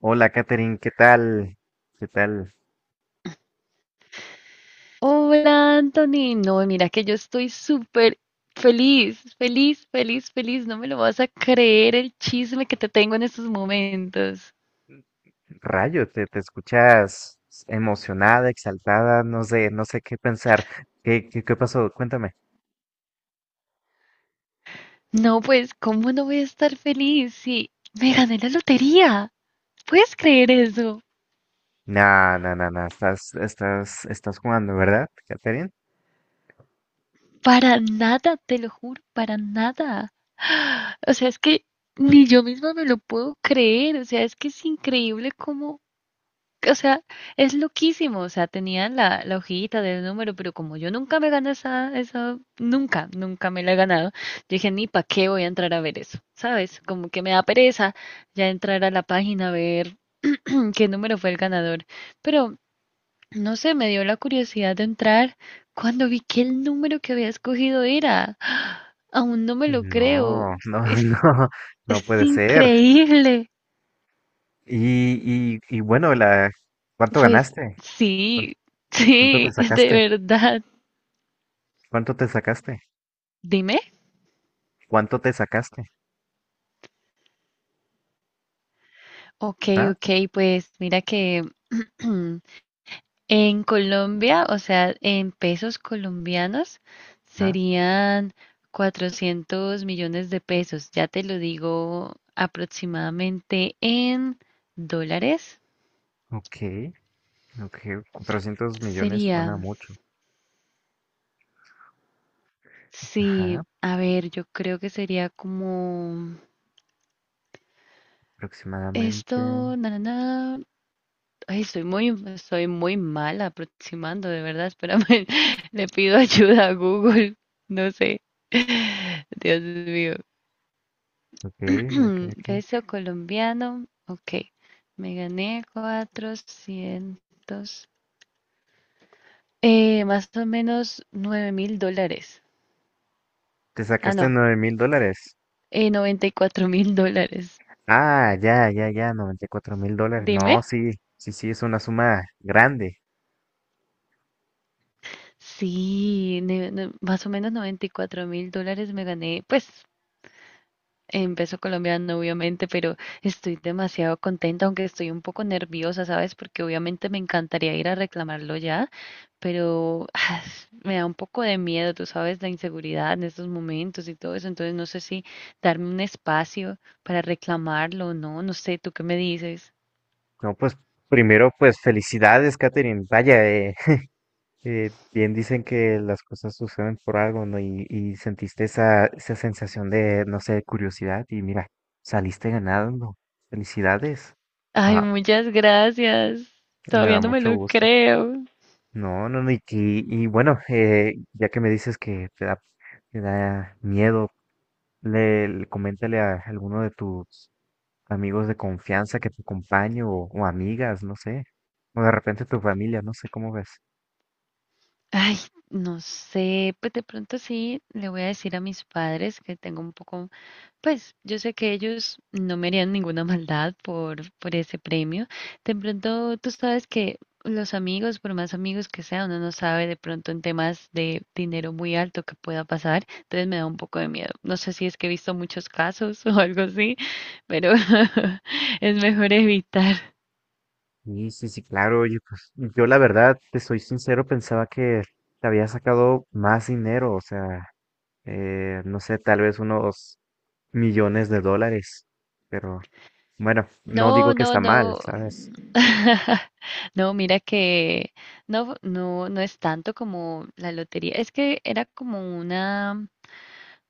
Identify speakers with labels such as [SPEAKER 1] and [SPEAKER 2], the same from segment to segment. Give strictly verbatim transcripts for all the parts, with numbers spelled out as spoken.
[SPEAKER 1] Hola, Katherine, ¿qué tal? ¿Qué tal?
[SPEAKER 2] Hola, Anthony. No, mira que yo estoy súper feliz, feliz, feliz, feliz. No me lo vas a creer el chisme que te tengo en estos momentos.
[SPEAKER 1] Rayo, te, te escuchas emocionada, exaltada, no sé, no sé qué pensar. ¿Qué, qué, qué pasó? Cuéntame.
[SPEAKER 2] No, pues, ¿cómo no voy a estar feliz si me gané la lotería? ¿Puedes creer eso?
[SPEAKER 1] No, no, no, no, estás, estás, estás jugando, ¿verdad, Katherine?
[SPEAKER 2] Para nada, te lo juro, para nada. O sea, es que ni yo misma me lo puedo creer. O sea, es que es increíble cómo. O sea, es loquísimo, o sea, tenían la, la hojita del número, pero como yo nunca me gané esa, esa, nunca, nunca me la he ganado, yo dije, ni para qué voy a entrar a ver eso, ¿sabes? Como que me da pereza ya entrar a la página a ver qué número fue el ganador, pero no sé, me dio la curiosidad de entrar cuando vi que el número que había escogido era, aún no me lo
[SPEAKER 1] No,
[SPEAKER 2] creo,
[SPEAKER 1] no,
[SPEAKER 2] es,
[SPEAKER 1] no, no
[SPEAKER 2] es
[SPEAKER 1] puede ser.
[SPEAKER 2] increíble,
[SPEAKER 1] Y, y, y bueno, la, ¿cuánto
[SPEAKER 2] pues
[SPEAKER 1] ganaste? ¿Cuánto,
[SPEAKER 2] sí,
[SPEAKER 1] cuánto te
[SPEAKER 2] sí, de
[SPEAKER 1] sacaste?
[SPEAKER 2] verdad.
[SPEAKER 1] ¿Cuánto te sacaste?
[SPEAKER 2] Dime.
[SPEAKER 1] ¿Cuánto te sacaste?
[SPEAKER 2] Ok,
[SPEAKER 1] ¿Ah?
[SPEAKER 2] ok, pues mira que en Colombia, o sea, en pesos colombianos
[SPEAKER 1] ¿Ah?
[SPEAKER 2] serían cuatrocientos millones de pesos. Ya te lo digo aproximadamente en dólares.
[SPEAKER 1] Ok, ok, cuatrocientos millones
[SPEAKER 2] Sería,
[SPEAKER 1] suena mucho.
[SPEAKER 2] sí,
[SPEAKER 1] Ajá.
[SPEAKER 2] a ver, yo creo que sería como
[SPEAKER 1] Aproximadamente.
[SPEAKER 2] esto, na, na, na. Ay, soy muy, soy muy mala aproximando, de verdad. Espérame, le pido ayuda a Google. No sé. Dios mío.
[SPEAKER 1] Ok, ok, ok.
[SPEAKER 2] Peso colombiano. Ok. Me gané cuatrocientos eh, más o menos nueve mil dólares.
[SPEAKER 1] Te
[SPEAKER 2] Ah,
[SPEAKER 1] sacaste
[SPEAKER 2] no.
[SPEAKER 1] nueve mil dólares.
[SPEAKER 2] Eh, noventa y cuatro mil dólares.
[SPEAKER 1] Ah, ya, ya, ya, noventa y cuatro mil dólares.
[SPEAKER 2] Dime.
[SPEAKER 1] No, sí, sí, sí, es una suma grande.
[SPEAKER 2] Sí, ne- ne- más o menos noventa y cuatro mil dólares me gané. Pues en peso colombiano, obviamente, pero estoy demasiado contenta, aunque estoy un poco nerviosa, ¿sabes? Porque obviamente me encantaría ir a reclamarlo ya, pero ah, me da un poco de miedo, tú sabes, la inseguridad en estos momentos y todo eso, entonces no sé si darme un espacio para reclamarlo o no, no sé, ¿tú qué me dices?
[SPEAKER 1] No, pues primero, pues felicidades, Katherine. Vaya, eh, eh, bien dicen que las cosas suceden por algo, ¿no? Y, y sentiste esa, esa sensación de, no sé, curiosidad y mira, saliste ganando. Felicidades.
[SPEAKER 2] Ay,
[SPEAKER 1] Wow,
[SPEAKER 2] muchas gracias.
[SPEAKER 1] me
[SPEAKER 2] Todavía
[SPEAKER 1] da
[SPEAKER 2] no me
[SPEAKER 1] mucho
[SPEAKER 2] lo
[SPEAKER 1] gusto.
[SPEAKER 2] creo.
[SPEAKER 1] No, no, no, y, y- y bueno, eh, ya que me dices que te da, te da miedo, le, le- coméntale a alguno de tus amigos de confianza que te acompañe o, o amigas, no sé, o de repente tu familia, no sé cómo ves.
[SPEAKER 2] Ay, no sé, pues de pronto sí le voy a decir a mis padres que tengo un poco, pues yo sé que ellos no me harían ninguna maldad por, por ese premio. De pronto tú sabes que los amigos, por más amigos que sea, uno no sabe de pronto en temas de dinero muy alto que pueda pasar, entonces me da un poco de miedo. No sé si es que he visto muchos casos o algo así, pero es mejor evitar.
[SPEAKER 1] Sí, sí, sí, claro, oye, pues yo la verdad, te soy sincero, pensaba que te había sacado más dinero, o sea, eh, no sé, tal vez unos millones de dólares, pero bueno, no
[SPEAKER 2] No,
[SPEAKER 1] digo que
[SPEAKER 2] no,
[SPEAKER 1] está mal,
[SPEAKER 2] no.
[SPEAKER 1] ¿sabes?
[SPEAKER 2] No, mira que no, no, no es tanto como la lotería. Es que era como una,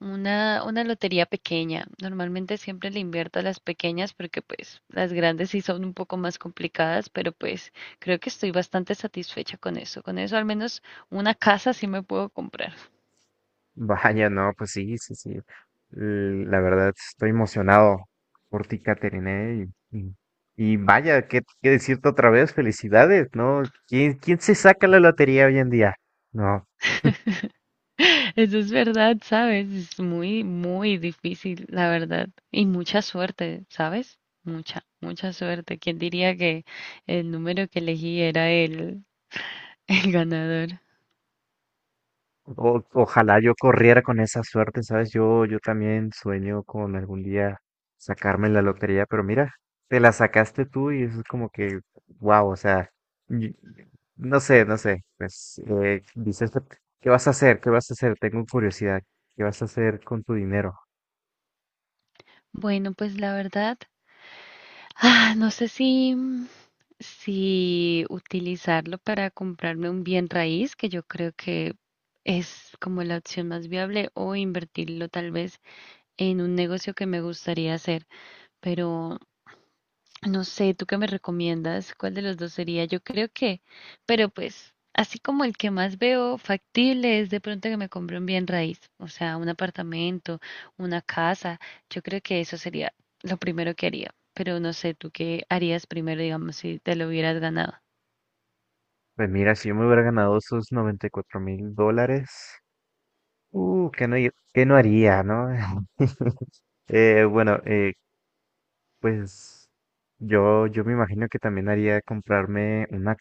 [SPEAKER 2] una, una lotería pequeña. Normalmente siempre le invierto a las pequeñas porque pues las grandes sí son un poco más complicadas, pero pues creo que estoy bastante satisfecha con eso. Con eso al menos una casa sí me puedo comprar.
[SPEAKER 1] Vaya, no, pues sí, sí, sí. L- La verdad, estoy emocionado por ti, Caterine. Y, y- y vaya, ¿qué, qué decirte otra vez? Felicidades, ¿no? ¿Quién, quién se saca la lotería hoy en día? No.
[SPEAKER 2] Eso es verdad, ¿sabes? Es muy, muy difícil, la verdad. Y mucha suerte, ¿sabes? Mucha, mucha suerte. ¿Quién diría que el número que elegí era el, el ganador?
[SPEAKER 1] O- ojalá yo corriera con esa suerte, ¿sabes? Yo, yo también sueño con algún día sacarme la lotería, pero mira, te la sacaste tú y eso es como que, wow, o sea, y- no sé, no sé, pues eh, dices, ¿qué vas a hacer? ¿Qué vas a hacer? Tengo curiosidad, ¿qué vas a hacer con tu dinero?
[SPEAKER 2] Bueno, pues la verdad, ah, no sé si, si utilizarlo para comprarme un bien raíz, que yo creo que es como la opción más viable, o invertirlo tal vez en un negocio que me gustaría hacer, pero no sé, ¿tú qué me recomiendas? ¿Cuál de los dos sería? Yo creo que, pero pues, así como el que más veo factible es de pronto que me compre un bien raíz, o sea, un apartamento, una casa. Yo creo que eso sería lo primero que haría. Pero no sé, ¿tú qué harías primero, digamos, si te lo hubieras ganado?
[SPEAKER 1] Pues mira, si yo me hubiera ganado esos noventa y cuatro mil dólares, uh, ¿qué no, hi- qué no haría, no? Eh, bueno, eh, Pues yo, yo me imagino que también haría comprarme una,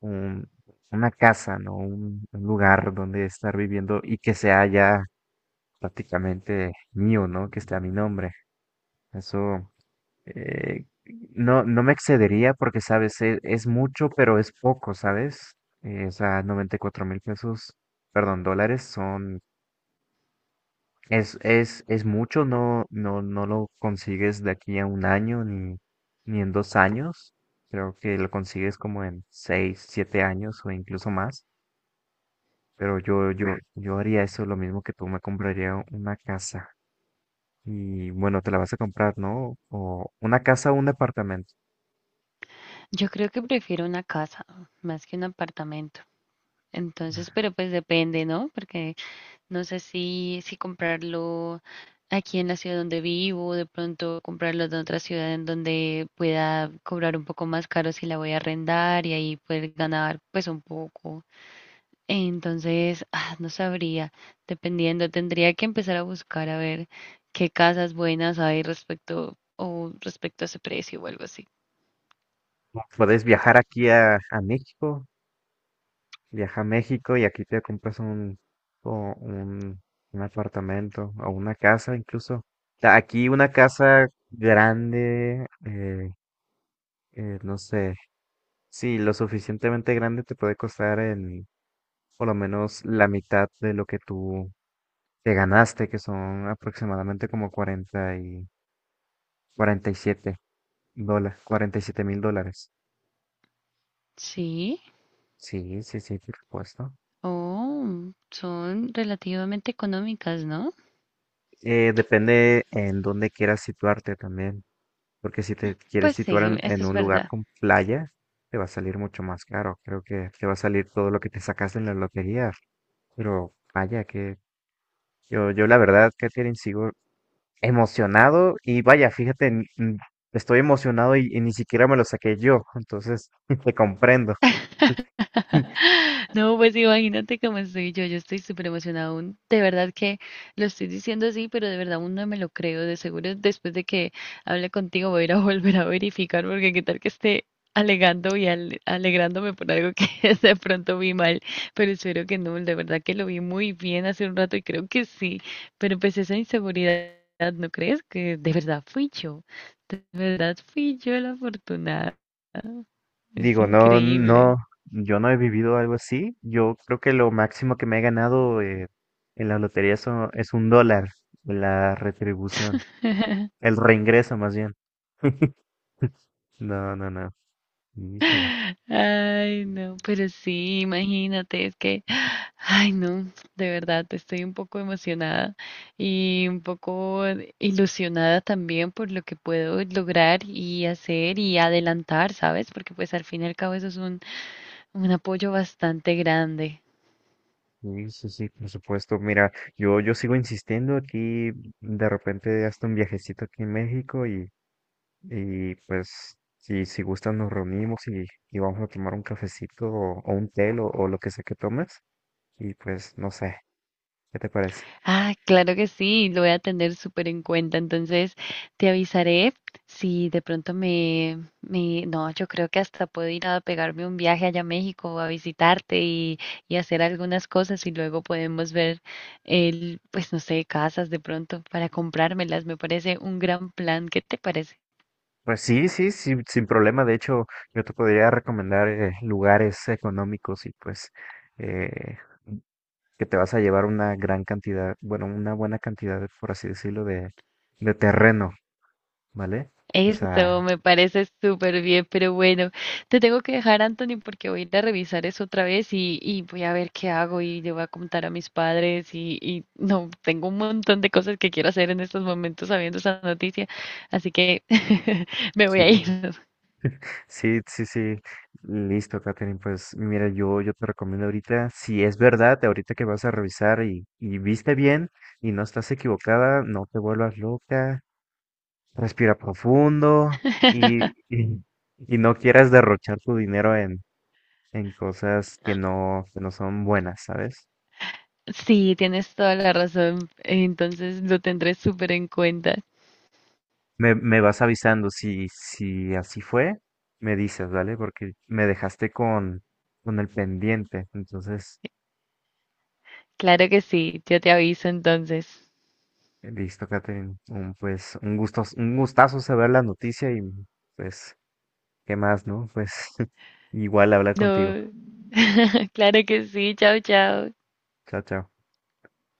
[SPEAKER 1] un- una casa, ¿no? Un, un lugar donde estar viviendo y que sea ya prácticamente mío, ¿no? Que esté a mi nombre. Eso eh, no, no me excedería porque, sabes, es, es mucho, pero es poco, ¿sabes? Eh, o sea, noventa y cuatro mil pesos, perdón, dólares son es, es, es mucho, no, no, no lo consigues de aquí a un año ni, ni en dos años. Creo que lo consigues como en seis, siete años o incluso más. Pero yo, yo, yo haría eso, lo mismo que tú me compraría una casa. Y bueno, te la vas a comprar, ¿no? O una casa o un departamento.
[SPEAKER 2] Yo creo que prefiero una casa más que un apartamento. Entonces, pero pues depende, ¿no? Porque no sé si, si comprarlo aquí en la ciudad donde vivo, de pronto comprarlo de otra ciudad en donde pueda cobrar un poco más caro si la voy a arrendar y ahí poder ganar pues un poco. Entonces, ah, no sabría, dependiendo, tendría que empezar a buscar a ver qué casas buenas hay respecto o respecto a ese precio o algo así.
[SPEAKER 1] Puedes viajar aquí a, a México. Viaja a México y aquí te compras un, o un, un apartamento o una casa incluso. Ta- Aquí una casa grande, eh, eh, no sé, sí, lo suficientemente grande te puede costar en por lo menos la mitad de lo que tú te ganaste, que son aproximadamente como cuarenta y cuarenta y siete dólares, cuarenta y siete mil dólares.
[SPEAKER 2] Sí,
[SPEAKER 1] Sí, sí, sí, por supuesto.
[SPEAKER 2] oh, son relativamente económicas, ¿no?
[SPEAKER 1] Eh, depende en dónde quieras situarte también. Porque si te quieres
[SPEAKER 2] Pues
[SPEAKER 1] situar
[SPEAKER 2] sí,
[SPEAKER 1] en,
[SPEAKER 2] eso
[SPEAKER 1] en
[SPEAKER 2] es
[SPEAKER 1] un lugar
[SPEAKER 2] verdad.
[SPEAKER 1] con playa, te va a salir mucho más caro. Creo que te va a salir todo lo que te sacaste en la lotería. Pero vaya, que yo, yo la verdad, Katherine, sigo emocionado. Y vaya, fíjate, n- n- estoy emocionado y, y ni siquiera me lo saqué yo. Entonces, te comprendo.
[SPEAKER 2] No, pues imagínate cómo estoy yo, yo estoy súper emocionada aún, de verdad que lo estoy diciendo así, pero de verdad aún no me lo creo, de seguro después de que hable contigo voy a ir a volver a verificar, porque qué tal que esté alegando y ale- alegrándome por algo que de pronto vi mal, pero espero que no, de verdad que lo vi muy bien hace un rato y creo que sí, pero pues esa inseguridad, ¿no crees? Que de verdad fui yo, de verdad fui yo la afortunada, es
[SPEAKER 1] Digo, no, no,
[SPEAKER 2] increíble.
[SPEAKER 1] yo no he vivido algo así. Yo creo que lo máximo que me he ganado eh, en la lotería son- es un dólar, la retribución, el reingreso más bien. No, no, no. Híjole.
[SPEAKER 2] Ay, no, pero sí, imagínate, es que, ay, no, de verdad, estoy un poco emocionada y un poco ilusionada también por lo que puedo lograr y hacer y adelantar, ¿sabes? Porque pues al fin y al cabo eso es un, un apoyo bastante grande.
[SPEAKER 1] Sí, sí, sí, por supuesto. Mira, yo, yo sigo insistiendo aquí, de repente hasta un viajecito aquí en México y, y pues si, si gustan nos reunimos y, y vamos a tomar un cafecito o, o un té o, o lo que sea que tomes y pues no sé, ¿qué te parece?
[SPEAKER 2] Ah, claro que sí, lo voy a tener súper en cuenta. Entonces, te avisaré si de pronto me, me... No, yo creo que hasta puedo ir a pegarme un viaje allá a México a visitarte y, y hacer algunas cosas y luego podemos ver, el, pues no sé, casas de pronto para comprármelas. Me parece un gran plan. ¿Qué te parece?
[SPEAKER 1] Pues sí, sí, sí, sin problema. De hecho, yo te podría recomendar eh, lugares económicos y pues eh, que te vas a llevar una gran cantidad, bueno, una buena cantidad, por así decirlo, de, de terreno, ¿vale? O
[SPEAKER 2] Eso
[SPEAKER 1] sea,
[SPEAKER 2] me parece súper bien, pero bueno, te tengo que dejar, Anthony, porque voy a ir a revisar eso otra vez y, y voy a ver qué hago y le voy a contar a mis padres y, y no, tengo un montón de cosas que quiero hacer en estos momentos sabiendo esa noticia, así que me voy a ir.
[SPEAKER 1] sí, sí, sí, sí. Listo, Katherine. Pues mira, yo, yo te recomiendo ahorita, si es verdad, ahorita que vas a revisar y, y viste bien y no estás equivocada, no te vuelvas loca. Respira profundo y, y- y no quieras derrochar tu dinero en, en cosas que no, que no son buenas, ¿sabes?
[SPEAKER 2] Sí, tienes toda la razón, entonces lo tendré súper en cuenta.
[SPEAKER 1] Me, me vas avisando si, si así fue, me dices, ¿vale? Porque me dejaste con, con el pendiente. Entonces,
[SPEAKER 2] Claro que sí, yo te aviso entonces.
[SPEAKER 1] listo, Catherine. Un, pues un gusto, un gustazo saber la noticia y pues, ¿qué más, no? Pues igual hablar contigo.
[SPEAKER 2] No, claro que sí, chao, chao.
[SPEAKER 1] Chao, chao.